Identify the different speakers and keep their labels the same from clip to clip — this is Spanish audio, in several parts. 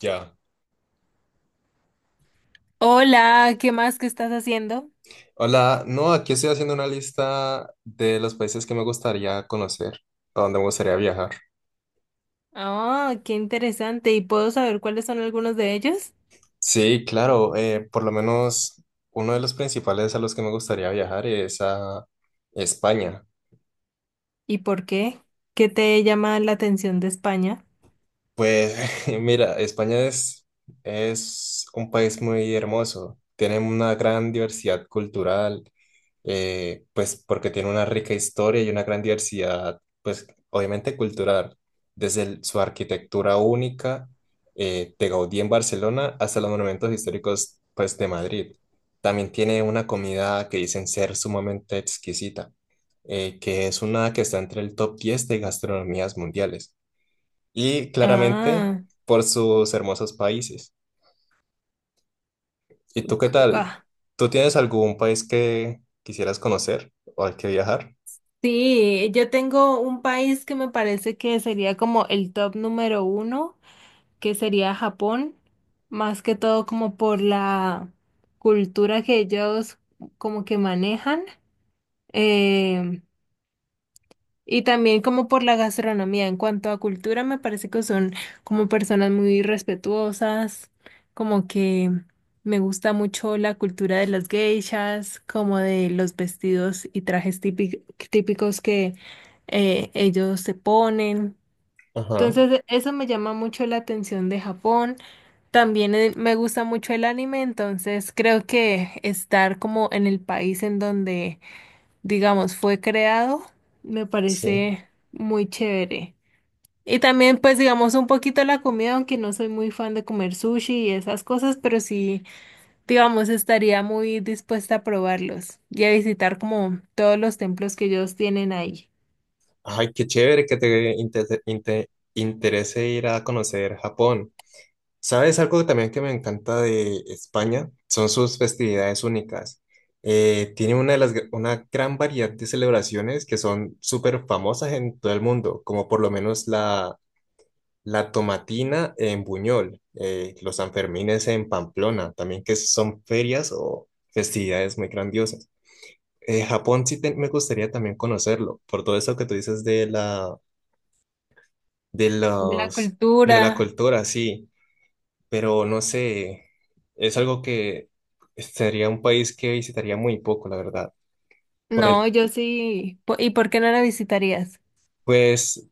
Speaker 1: Ya.
Speaker 2: Hola, ¿qué más que estás haciendo?
Speaker 1: Hola, no, aquí estoy haciendo una lista de los países que me gustaría conocer, a donde me gustaría viajar.
Speaker 2: Ah, qué interesante. ¿Y puedo saber cuáles son algunos de ellos?
Speaker 1: Sí, claro, por lo menos uno de los principales a los que me gustaría viajar es a España.
Speaker 2: ¿Y por qué? ¿Qué te llama la atención de España?
Speaker 1: Pues mira, es un país muy hermoso, tiene una gran diversidad cultural, pues porque tiene una rica historia y una gran diversidad, pues obviamente cultural, desde su arquitectura única de Gaudí en Barcelona hasta los monumentos históricos pues de Madrid. También tiene una comida que dicen ser sumamente exquisita, que es una que está entre el top 10 de gastronomías mundiales y claramente
Speaker 2: Ah,
Speaker 1: por sus hermosos países. ¿Y tú qué tal?
Speaker 2: ah,
Speaker 1: ¿Tú tienes algún país que quisieras conocer o al que viajar?
Speaker 2: sí, yo tengo un país que me parece que sería como el top número 1, que sería Japón, más que todo como por la cultura que ellos como que manejan. eh, Y también como por la gastronomía. En cuanto a cultura, me parece que son como personas muy respetuosas, como que me gusta mucho la cultura de las geishas, como de los vestidos y trajes típicos que ellos se ponen.
Speaker 1: Ajá.
Speaker 2: Entonces, eso me llama mucho la atención de Japón. También, me gusta mucho el anime, entonces creo que estar como en el país en donde, digamos, fue creado, me
Speaker 1: Sí.
Speaker 2: parece muy chévere. Y también, pues, digamos, un poquito la comida, aunque no soy muy fan de comer sushi y esas cosas, pero sí, digamos, estaría muy dispuesta a probarlos y a visitar como todos los templos que ellos tienen ahí,
Speaker 1: Ay, qué chévere que te interese ir a conocer Japón. ¿Sabes algo que también que me encanta de España? Son sus festividades únicas. Tiene una de las, una gran variedad de celebraciones que son súper famosas en todo el mundo, como por lo menos la tomatina en Buñol, los Sanfermines en Pamplona, también que son ferias o festividades muy grandiosas. Japón me gustaría también conocerlo, por todo eso que tú dices de la de
Speaker 2: de la
Speaker 1: los de la
Speaker 2: cultura.
Speaker 1: cultura, sí, pero no sé, es algo que sería un país que visitaría muy poco, la verdad. Por
Speaker 2: No,
Speaker 1: el,
Speaker 2: yo sí. ¿Y por qué no la visitarías?
Speaker 1: pues,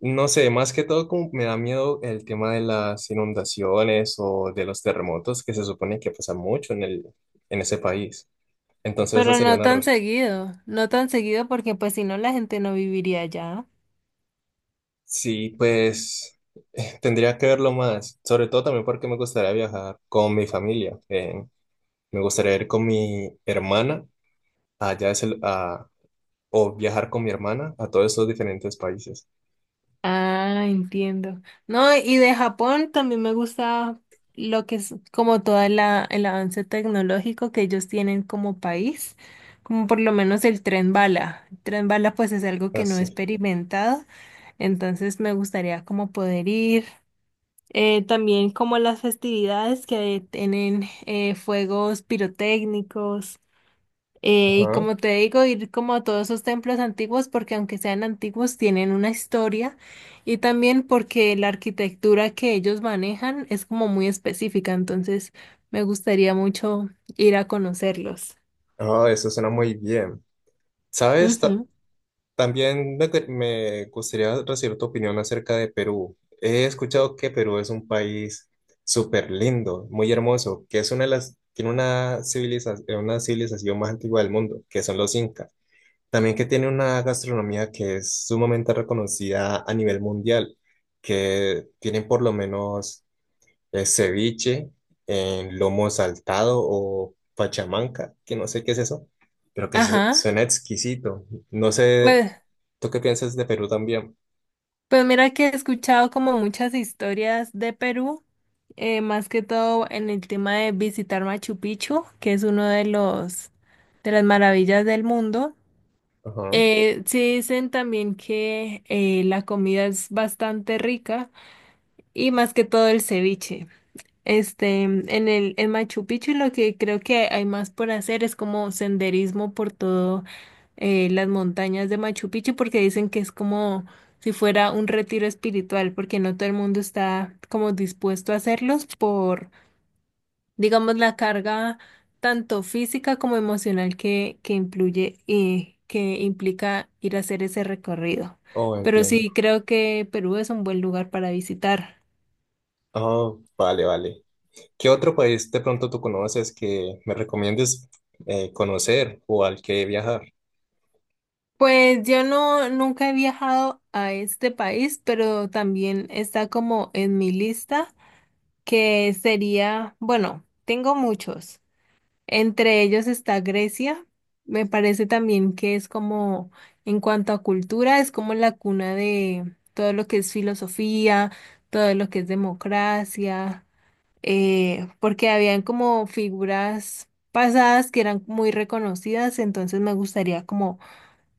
Speaker 1: no sé, más que todo como me da miedo el tema de las inundaciones o de los terremotos que se supone que pasa mucho en en ese país. Entonces esa
Speaker 2: Pero
Speaker 1: sería
Speaker 2: no
Speaker 1: una
Speaker 2: tan seguido, no tan seguido, porque pues si no la gente no viviría allá.
Speaker 1: Sí, pues tendría que verlo más, sobre todo también porque me gustaría viajar con mi familia. Me gustaría ir con mi hermana allá es el, o viajar con mi hermana a todos esos diferentes países.
Speaker 2: Ah, entiendo. No, y de Japón también me gusta lo que es como todo el avance tecnológico que ellos tienen como país, como por lo menos el tren bala. El tren bala pues es algo que no he
Speaker 1: Así.
Speaker 2: experimentado, entonces me gustaría como poder ir. También como las festividades que tienen, fuegos pirotécnicos. Y
Speaker 1: Ajá.
Speaker 2: como te digo, ir como a todos esos templos antiguos, porque aunque sean antiguos, tienen una historia, y también porque la arquitectura que ellos manejan es como muy específica, entonces me gustaría mucho ir a conocerlos.
Speaker 1: Ah, eso suena muy bien. ¿Sabes?
Speaker 2: Ujú.
Speaker 1: También me gustaría recibir tu opinión acerca de Perú. He escuchado que Perú es un país súper lindo, muy hermoso, que es una de las, tiene una civilización más antigua del mundo, que son los incas. También que tiene una gastronomía que es sumamente reconocida a nivel mundial, que tienen por lo menos el ceviche en lomo saltado o pachamanca, que no sé qué es eso, pero que
Speaker 2: Ajá.
Speaker 1: suena exquisito. No sé,
Speaker 2: Pues,
Speaker 1: ¿tú qué piensas de Perú también?
Speaker 2: pues mira que he escuchado como muchas historias de Perú. Más que todo en el tema de visitar Machu Picchu, que es uno de los, de las maravillas del mundo.
Speaker 1: Ajá.
Speaker 2: Sí dicen también que, la comida es bastante rica, y más que todo el ceviche. Este, en el, en Machu Picchu, lo que creo que hay más por hacer es como senderismo por todo, las montañas de Machu Picchu, porque dicen que es como si fuera un retiro espiritual, porque no todo el mundo está como dispuesto a hacerlos por, digamos, la carga tanto física como emocional que influye y que implica ir a hacer ese recorrido.
Speaker 1: Oh,
Speaker 2: Pero
Speaker 1: entiendo.
Speaker 2: sí, creo que Perú es un buen lugar para visitar.
Speaker 1: Oh, vale, vale. ¿Qué otro país de pronto tú conoces que me recomiendes conocer o al que viajar?
Speaker 2: Pues yo no, nunca he viajado a este país, pero también está como en mi lista, que sería, bueno, tengo muchos. Entre ellos está Grecia. Me parece también que es como, en cuanto a cultura, es como la cuna de todo lo que es filosofía, todo lo que es democracia. Porque habían como figuras pasadas que eran muy reconocidas, entonces me gustaría como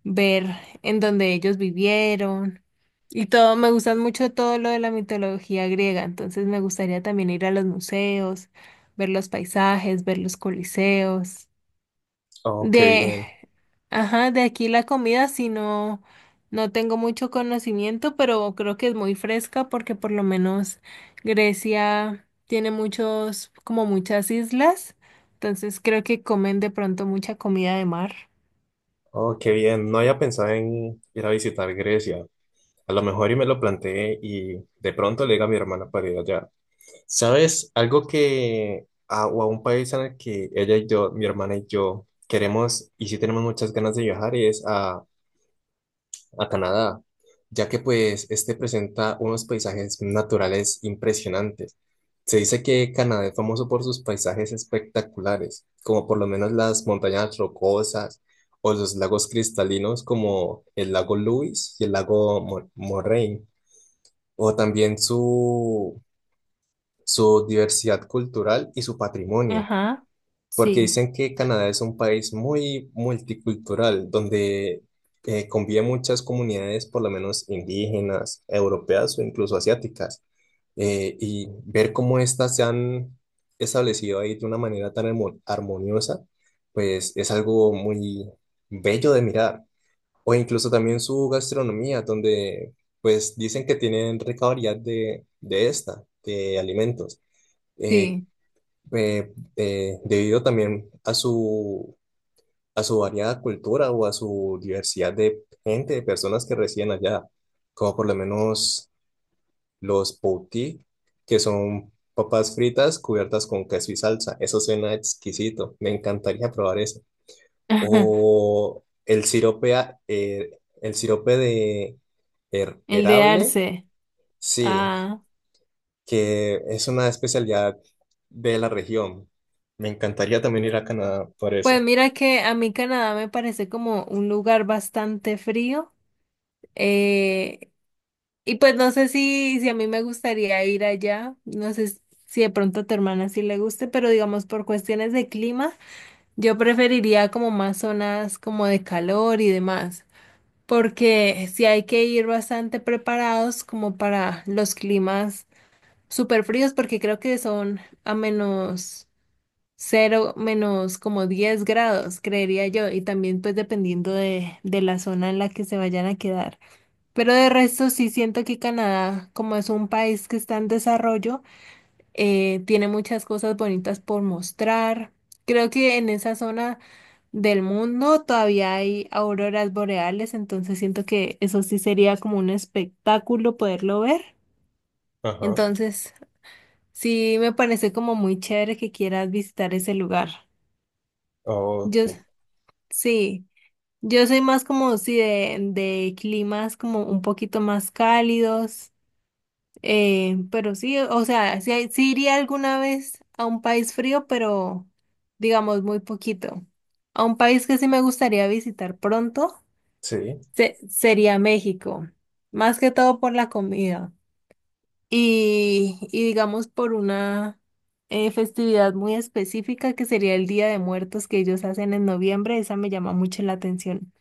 Speaker 2: ver en donde ellos vivieron y todo. Me gustan mucho todo lo de la mitología griega, entonces me gustaría también ir a los museos, ver los paisajes, ver los coliseos.
Speaker 1: Oh, qué
Speaker 2: De,
Speaker 1: bien.
Speaker 2: ajá, de aquí la comida, si no, no tengo mucho conocimiento, pero creo que es muy fresca porque por lo menos Grecia tiene muchos, como muchas islas, entonces creo que comen de pronto mucha comida de mar.
Speaker 1: Oh, qué bien. No había pensado en ir a visitar Grecia. A lo mejor y me lo planteé y de pronto le diga a mi hermana para ir allá. ¿Sabes? Algo que, a, o a un país en el que ella y yo, mi hermana y yo, queremos y sí tenemos muchas ganas de viajar es a Canadá, ya que pues este presenta unos paisajes naturales impresionantes. Se dice que Canadá es famoso por sus paisajes espectaculares, como por lo menos las montañas rocosas o los lagos cristalinos como el lago Louise y el lago Moraine, o también su diversidad cultural y su patrimonio,
Speaker 2: Ajá,
Speaker 1: porque
Speaker 2: sí,
Speaker 1: dicen que Canadá es un país muy multicultural, donde conviven muchas comunidades, por lo menos indígenas, europeas o incluso asiáticas, y ver cómo estas se han establecido ahí de una manera tan armoniosa, pues es algo muy bello de mirar. O incluso también su gastronomía, donde pues dicen que tienen rica variedad de alimentos eh,
Speaker 2: sí.
Speaker 1: debido también a a su variada cultura o a su diversidad de gente, de personas que residen allá, como por lo menos los poutí, que son papas fritas cubiertas con queso y salsa. Eso suena exquisito, me encantaría probar eso. O el sirope, el sirope de
Speaker 2: El de
Speaker 1: herable,
Speaker 2: Arce.
Speaker 1: sí,
Speaker 2: Ah,
Speaker 1: que es una especialidad de la región. Me encantaría también ir a Canadá por
Speaker 2: pues
Speaker 1: eso.
Speaker 2: mira que a mí Canadá me parece como un lugar bastante frío. eh, y pues no sé si, si a mí me gustaría ir allá. No sé si de pronto a tu hermana sí le guste, pero digamos por cuestiones de clima, yo preferiría como más zonas como de calor y demás. Porque sí hay que ir bastante preparados como para los climas súper fríos, porque creo que son a menos. Cero menos como 10 grados, creería yo, y también pues dependiendo de la zona en la que se vayan a quedar. Pero de resto sí siento que Canadá, como es un país que está en desarrollo, tiene muchas cosas bonitas por mostrar. Creo que en esa zona del mundo todavía hay auroras boreales, entonces siento que eso sí sería como un espectáculo poderlo ver.
Speaker 1: Ajá.
Speaker 2: Entonces sí me parece como muy chévere que quieras visitar ese lugar.
Speaker 1: Oh,
Speaker 2: Yo sí, yo soy más como sí de climas como un poquito más cálidos, pero sí, o sea, sí, sí iría alguna vez a un país frío, pero digamos muy poquito. A un país que sí me gustaría visitar pronto
Speaker 1: sí.
Speaker 2: sería México, más que todo por la comida y digamos por una, festividad muy específica que sería el Día de Muertos que ellos hacen en noviembre, esa me llama mucho la atención.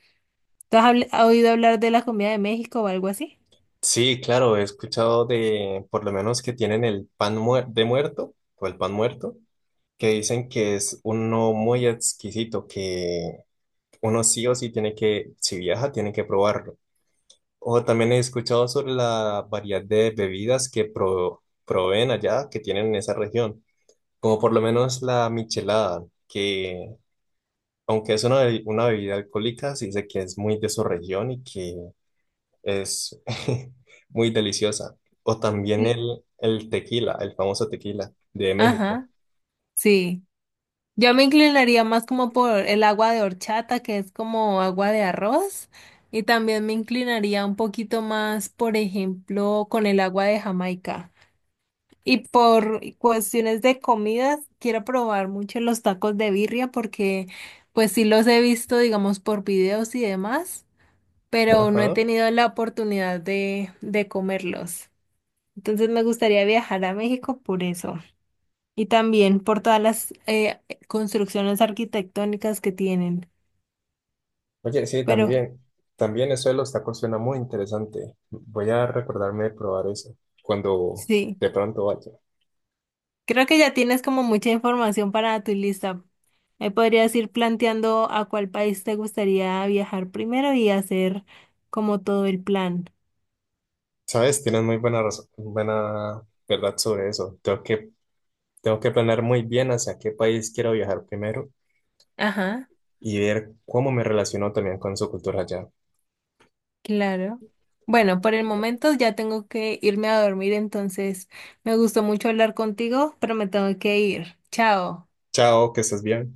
Speaker 2: ¿Tú has has oído hablar de la comida de México o algo así?
Speaker 1: Sí, claro, he escuchado de, por lo menos que tienen el pan muer- de muerto o el pan muerto, que dicen que es uno muy exquisito, que uno sí o sí tiene que, si viaja, tiene que probarlo. O también he escuchado sobre la variedad de bebidas que proveen allá, que tienen en esa región, como por lo menos la michelada, que aunque es una bebida alcohólica, se dice que es muy de su región y que es muy deliciosa. O también
Speaker 2: Sí.
Speaker 1: el tequila, el famoso tequila de México.
Speaker 2: Ajá, sí. Yo me inclinaría más como por el agua de horchata, que es como agua de arroz, y también me inclinaría un poquito más, por ejemplo, con el agua de Jamaica. Y por cuestiones de comidas, quiero probar mucho los tacos de birria, porque pues sí los he visto, digamos, por videos y demás, pero no he
Speaker 1: Ajá.
Speaker 2: tenido la oportunidad de comerlos. Entonces me gustaría viajar a México por eso, y también por todas las, construcciones arquitectónicas que tienen.
Speaker 1: Oye, sí,
Speaker 2: Pero
Speaker 1: también. También eso de los tacos suena muy interesante. Voy a recordarme de probar eso cuando
Speaker 2: sí,
Speaker 1: de pronto vaya.
Speaker 2: creo que ya tienes como mucha información para tu lista. Ahí podrías ir planteando a cuál país te gustaría viajar primero y hacer como todo el plan.
Speaker 1: Sabes, tienes muy buena razón, buena verdad sobre eso. Tengo que planear muy bien hacia qué país quiero viajar primero
Speaker 2: Ajá,
Speaker 1: y ver cómo me relaciono también con su cultura allá.
Speaker 2: claro. Bueno, por el momento ya tengo que irme a dormir, entonces me gustó mucho hablar contigo, pero me tengo que ir. Chao.
Speaker 1: Chao, que estés bien.